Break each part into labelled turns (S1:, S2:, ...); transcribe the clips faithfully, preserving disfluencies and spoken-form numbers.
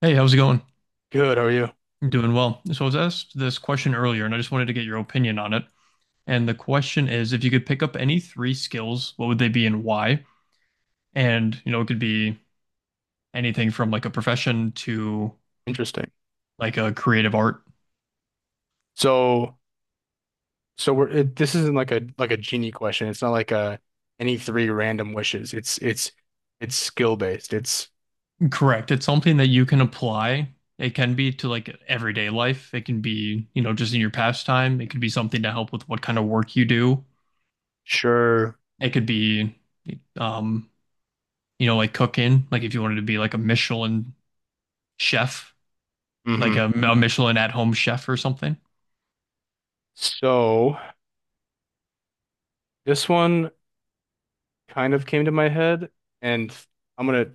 S1: Hey, how's it going?
S2: Good, how are you?
S1: I'm doing well. So I was asked this question earlier, and I just wanted to get your opinion on it. And the question is, if you could pick up any three skills, what would they be and why? And, you know, it could be anything from like a profession to
S2: Interesting.
S1: like a creative art.
S2: So, so we're it, this isn't like a like a genie question. It's not like a any three random wishes. It's it's it's skill based. It's
S1: Correct. It's something that you can apply. It can be to like everyday life. It can be, you know, just in your pastime. It could be something to help with what kind of work you do.
S2: Sure.
S1: It could be, um, you know, like cooking, like if you wanted to be like a Michelin chef like
S2: hmm
S1: a, a Michelin at home chef or something.
S2: So this one kind of came to my head, and I'm gonna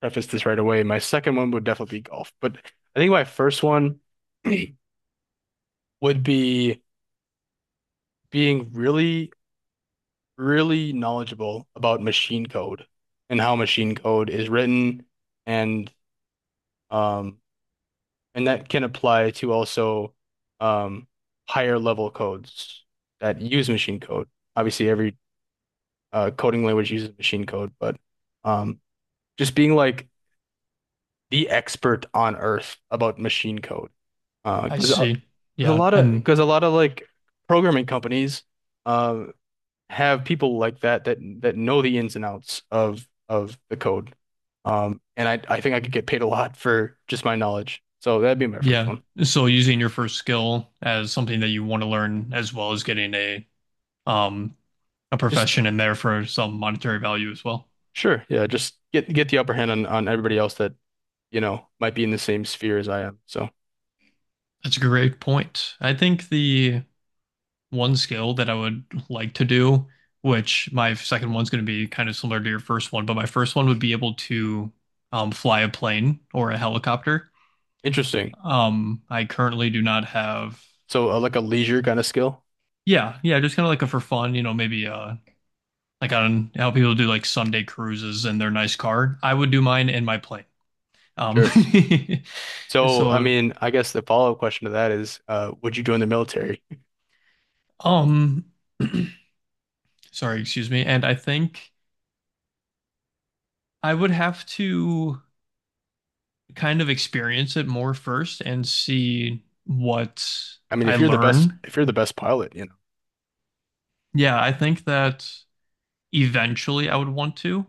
S2: preface this right away. My second one would definitely be golf, but I think my first one would be being really, really knowledgeable about machine code and how machine code is written. And Um, and that can apply to also um, higher level codes that use machine code. Obviously, every uh, coding language uses machine code, but um, just being like the expert on earth about machine code. Uh,
S1: I
S2: 'cause a
S1: see.
S2: 'cause a
S1: Yeah.
S2: lot of
S1: And
S2: because a lot of like programming companies uh have people like that that that know the ins and outs of of the code. Um, and I I think I could get paid a lot for just my knowledge. So that'd be my first
S1: yeah.
S2: one.
S1: So using your first skill as something that you want to learn as well as getting a um a
S2: Just
S1: profession in there for some monetary value as well.
S2: Sure. Yeah, just get get the upper hand on on everybody else that, you know, might be in the same sphere as I am. So,
S1: That's a great point. I think the one skill that I would like to do, which my second one's going to be kind of similar to your first one, but my first one would be able to um, fly a plane or a helicopter.
S2: interesting.
S1: Um, I currently do not have.
S2: So, uh, like a leisure kind of skill?
S1: Yeah, yeah, just kind of like a for fun, you know, maybe uh like on how people do like Sunday cruises in their nice car. I would do mine in my plane. Um
S2: Sure. So, I
S1: so
S2: mean, I guess the follow-up question to that is, uh, would you join the military?
S1: um sorry, excuse me. And I think I would have to kind of experience it more first and see what
S2: I mean,
S1: I
S2: if you're the best,
S1: learn.
S2: if you're the best pilot, you know.
S1: Yeah, I think that eventually I would want to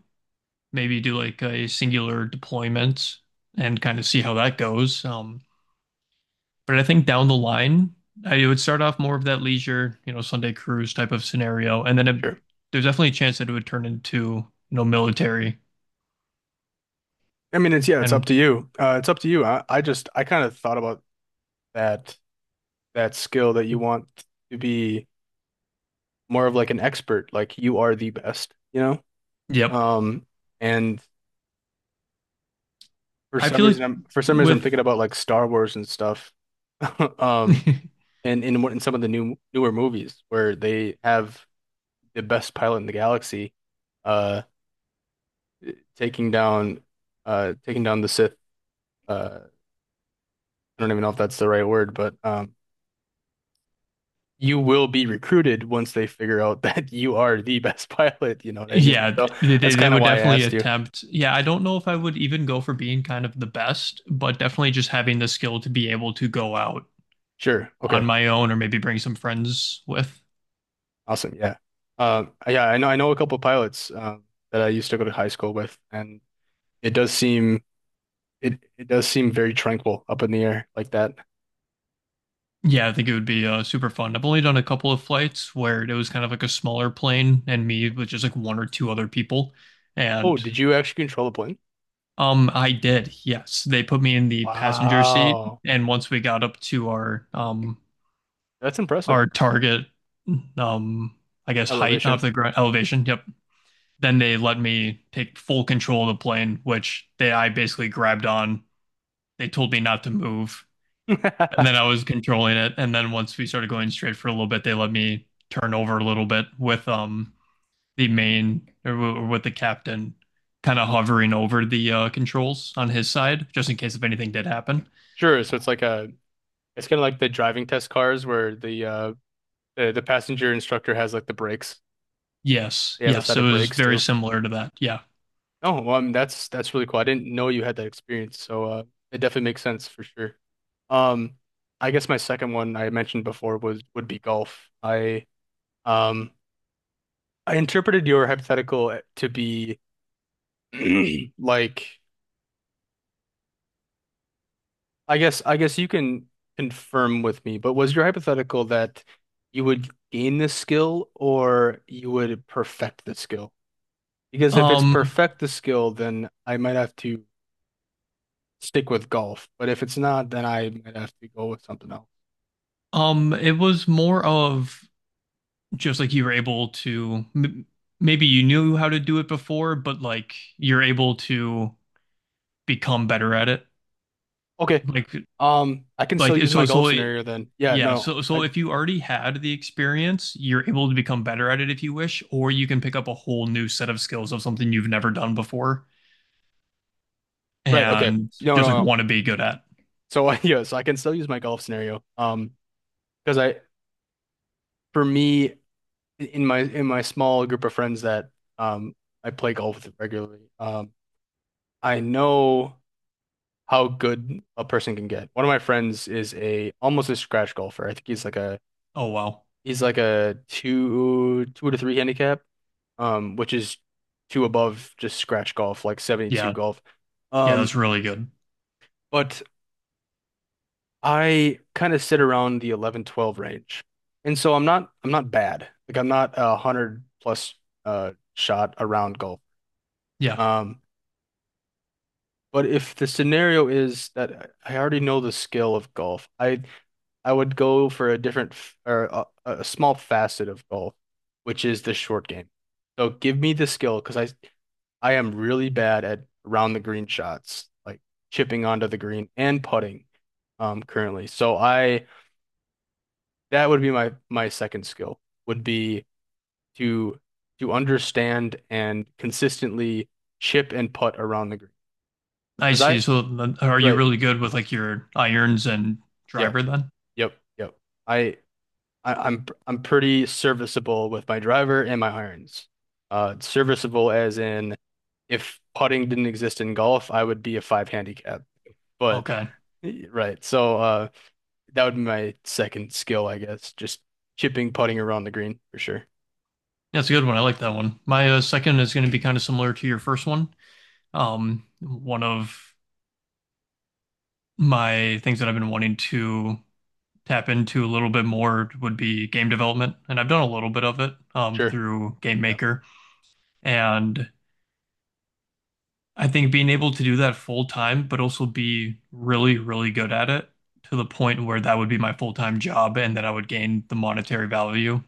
S1: maybe do like a singular deployment and kind of see how that goes. Um But I think down the line, I would start off more of that leisure, you know, Sunday cruise type of scenario, and then it,
S2: Sure.
S1: there's definitely a chance that it would turn into, you know, military.
S2: I mean, it's yeah, it's up
S1: And
S2: to you. Uh, it's up to you. I, I just I kind of thought about that that skill that you want to be more of like an expert, like you are the best, you know?
S1: yep,
S2: Um, and For
S1: I
S2: some
S1: feel
S2: reason,
S1: like
S2: I'm for some reason I'm
S1: with
S2: thinking about like Star Wars and stuff, um, and in in some of the new newer movies where they have the best pilot in the galaxy, uh, taking down, uh, taking down the Sith. Uh, I don't even know if that's the right word, but um, you will be recruited once they figure out that you are the best pilot. You know what I mean?
S1: yeah,
S2: So
S1: they,
S2: that's
S1: they they
S2: kind of
S1: would
S2: why I
S1: definitely
S2: asked you.
S1: attempt. Yeah, I don't know if I would even go for being kind of the best, but definitely just having the skill to be able to go out
S2: Sure.
S1: on
S2: Okay.
S1: my own or maybe bring some friends with.
S2: Awesome. Yeah. Um, yeah. I know. I know a couple pilots um, that I used to go to high school with, and it does seem It it does seem very tranquil up in the air like that.
S1: Yeah, I think it would be uh, super fun. I've only done a couple of flights where it was kind of like a smaller plane and me with just like one or two other people.
S2: Oh,
S1: And
S2: did you actually control the plane?
S1: um I did. Yes, they put me in the passenger seat
S2: Wow.
S1: and once we got up to our um
S2: That's
S1: our
S2: impressive.
S1: target um I guess height of
S2: Elevation.
S1: the ground elevation, yep. Then they let me take full control of the plane, which they I basically grabbed on. They told me not to move. And then I was controlling it. And then once we started going straight for a little bit, they let me turn over a little bit with um the main or, w- or with the captain kind of hovering over the uh, controls on his side, just in case if anything did happen.
S2: Sure, so it's like a it's kind of like the driving test cars where the uh the, the passenger instructor has like the brakes.
S1: Yes,
S2: They have a
S1: yes,
S2: set
S1: it
S2: of
S1: was
S2: brakes
S1: very
S2: too.
S1: similar to that. Yeah.
S2: Oh, well, I mean, that's that's really cool. I didn't know you had that experience, so uh it definitely makes sense for sure. Um, I guess my second one I mentioned before was would be golf. I um I interpreted your hypothetical eh, to be Like, I guess I guess you can confirm with me, but was your hypothetical that you would gain this skill or you would perfect the skill? Because if it's
S1: Um,
S2: perfect the skill, then I might have to stick with golf. But if it's not, then I might have to go with something else.
S1: um, it was more of just like you were able to m- maybe you knew how to do it before, but like you're able to become better at it.
S2: Okay.
S1: Like
S2: Um, I can
S1: like
S2: still use my
S1: so
S2: golf
S1: so
S2: scenario then. Yeah,
S1: yeah,
S2: no.
S1: so so
S2: I
S1: if you already had the experience, you're able to become better at it if you wish, or you can pick up a whole new set of skills of something you've never done before
S2: Right, okay.
S1: and
S2: No,
S1: just
S2: no,
S1: like
S2: no.
S1: want to be good at.
S2: So yes, I can still use my golf scenario. Um, because I for me in my in my small group of friends that um I play golf with regularly, um I know how good a person can get. One of my friends is a almost a scratch golfer. I think he's like a
S1: Oh wow.
S2: he's like a two two to three handicap, um, which is two above just scratch golf, like seventy-two
S1: Yeah.
S2: golf.
S1: Yeah, that's
S2: Um,
S1: really good.
S2: but I kind of sit around the eleven twelve range. And so I'm not I'm not bad. Like I'm not a hundred plus uh shot around golf.
S1: Yeah.
S2: Um, But if the scenario is that I already know the skill of golf, I I would go for a different f- or a, a small facet of golf, which is the short game. So give me the skill because I I am really bad at around the green shots, like chipping onto the green and putting um currently. So I that would be my my second skill would be to to understand and consistently chip and putt around the green.
S1: I
S2: Because
S1: see.
S2: I
S1: So then are you
S2: Right.
S1: really good with like your irons and
S2: Yeah.
S1: driver then?
S2: Yep, yep. I, I I'm I'm pretty serviceable with my driver and my irons. Uh, serviceable as in if putting didn't exist in golf, I would be a five handicap. But
S1: Okay.
S2: Right, so uh, that would be my second skill, I guess. Just chipping, putting around the green for sure.
S1: That's a good one. I like that one. My uh, second is going to be kind of similar to your first one. Um, one of my things that I've been wanting to tap into a little bit more would be game development. And I've done a little bit of it um,
S2: Sure.
S1: through Game
S2: Yeah.
S1: Maker. And I think being able to do that full time, but also be really, really good at it to the point where that would be my full time job and that I would gain the monetary value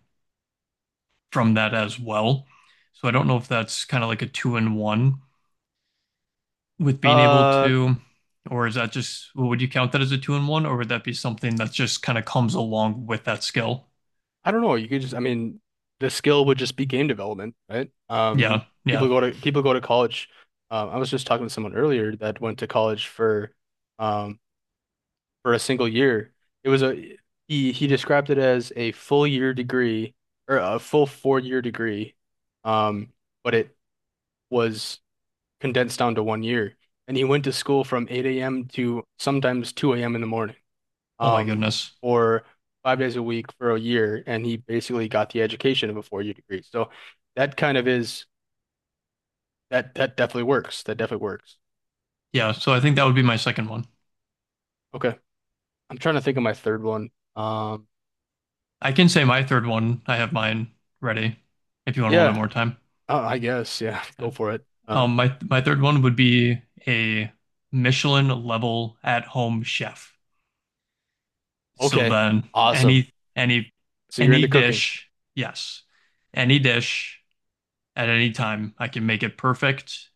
S1: from that as well. So I don't know if that's kind of like a two in one with being able
S2: Uh,
S1: to, or is that just, well, would you count that as a two in one, or would that be something that just kind of comes along with that skill?
S2: I don't know. You could just, I mean, the skill would just be game development, right? Um,
S1: Yeah,
S2: people
S1: yeah.
S2: go to people go to college. Um, I was just talking to someone earlier that went to college for. um, for a single year. It was a he he described it as a full year degree or a full four year degree, um, but it was condensed down to one year. And he went to school from eight a m to sometimes two a m in the morning,
S1: Oh my
S2: um,
S1: goodness.
S2: for five days a week for a year, and he basically got the education of a four year degree. So that kind of is that that definitely works. That definitely works.
S1: Yeah, so I think that would be my second one.
S2: Okay, I'm trying to think of my third one. Um,
S1: I can say my third one. I have mine ready if you want a little bit
S2: yeah,
S1: more time.
S2: uh, I guess yeah, go for it. Uh,
S1: Um, my my third one would be a Michelin level at-home chef. So
S2: Okay.
S1: then
S2: Awesome.
S1: any any
S2: So you're
S1: any
S2: into cooking.
S1: dish, yes. Any dish at any time, I can make it perfect.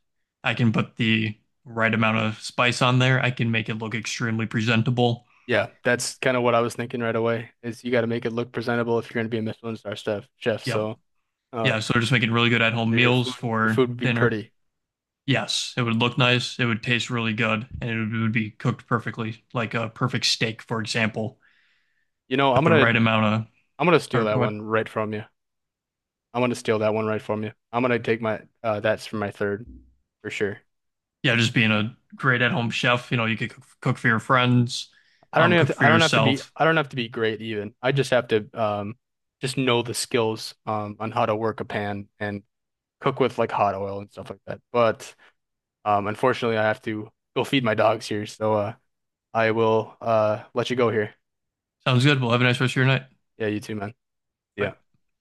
S1: I can put the right amount of spice on there. I can make it look extremely presentable.
S2: Yeah, that's kind of what I was thinking right away is you got to make it look presentable if you're going to be a Michelin star chef, chef.
S1: Yep.
S2: So, uh,
S1: Yeah, so just making really good at-home
S2: so your food,
S1: meals
S2: your
S1: for
S2: food would be
S1: dinner.
S2: pretty.
S1: Yes, it would look nice, it would taste really good, and it would, it would be cooked perfectly, like a perfect steak, for example,
S2: You know, I'm
S1: with the right
S2: gonna,
S1: amount of,
S2: I'm gonna steal that
S1: or what?
S2: one right from you. I'm gonna steal that one right from you. I'm gonna take my, uh, that's for my third for sure.
S1: Yeah, just being a great at-home chef, you know, you could cook, cook for your friends,
S2: I don't
S1: um,
S2: even have
S1: cook
S2: to,
S1: for
S2: I don't have to be,
S1: yourself.
S2: I don't have to be great even. I just have to, um, just know the skills, um, on how to work a pan and cook with like hot oil and stuff like that. But Um, unfortunately, I have to go feed my dogs here, so uh, I will uh, let you go here.
S1: Sounds good. Well, have a nice rest of your night.
S2: Yeah, you too, man. Yeah.
S1: Bye.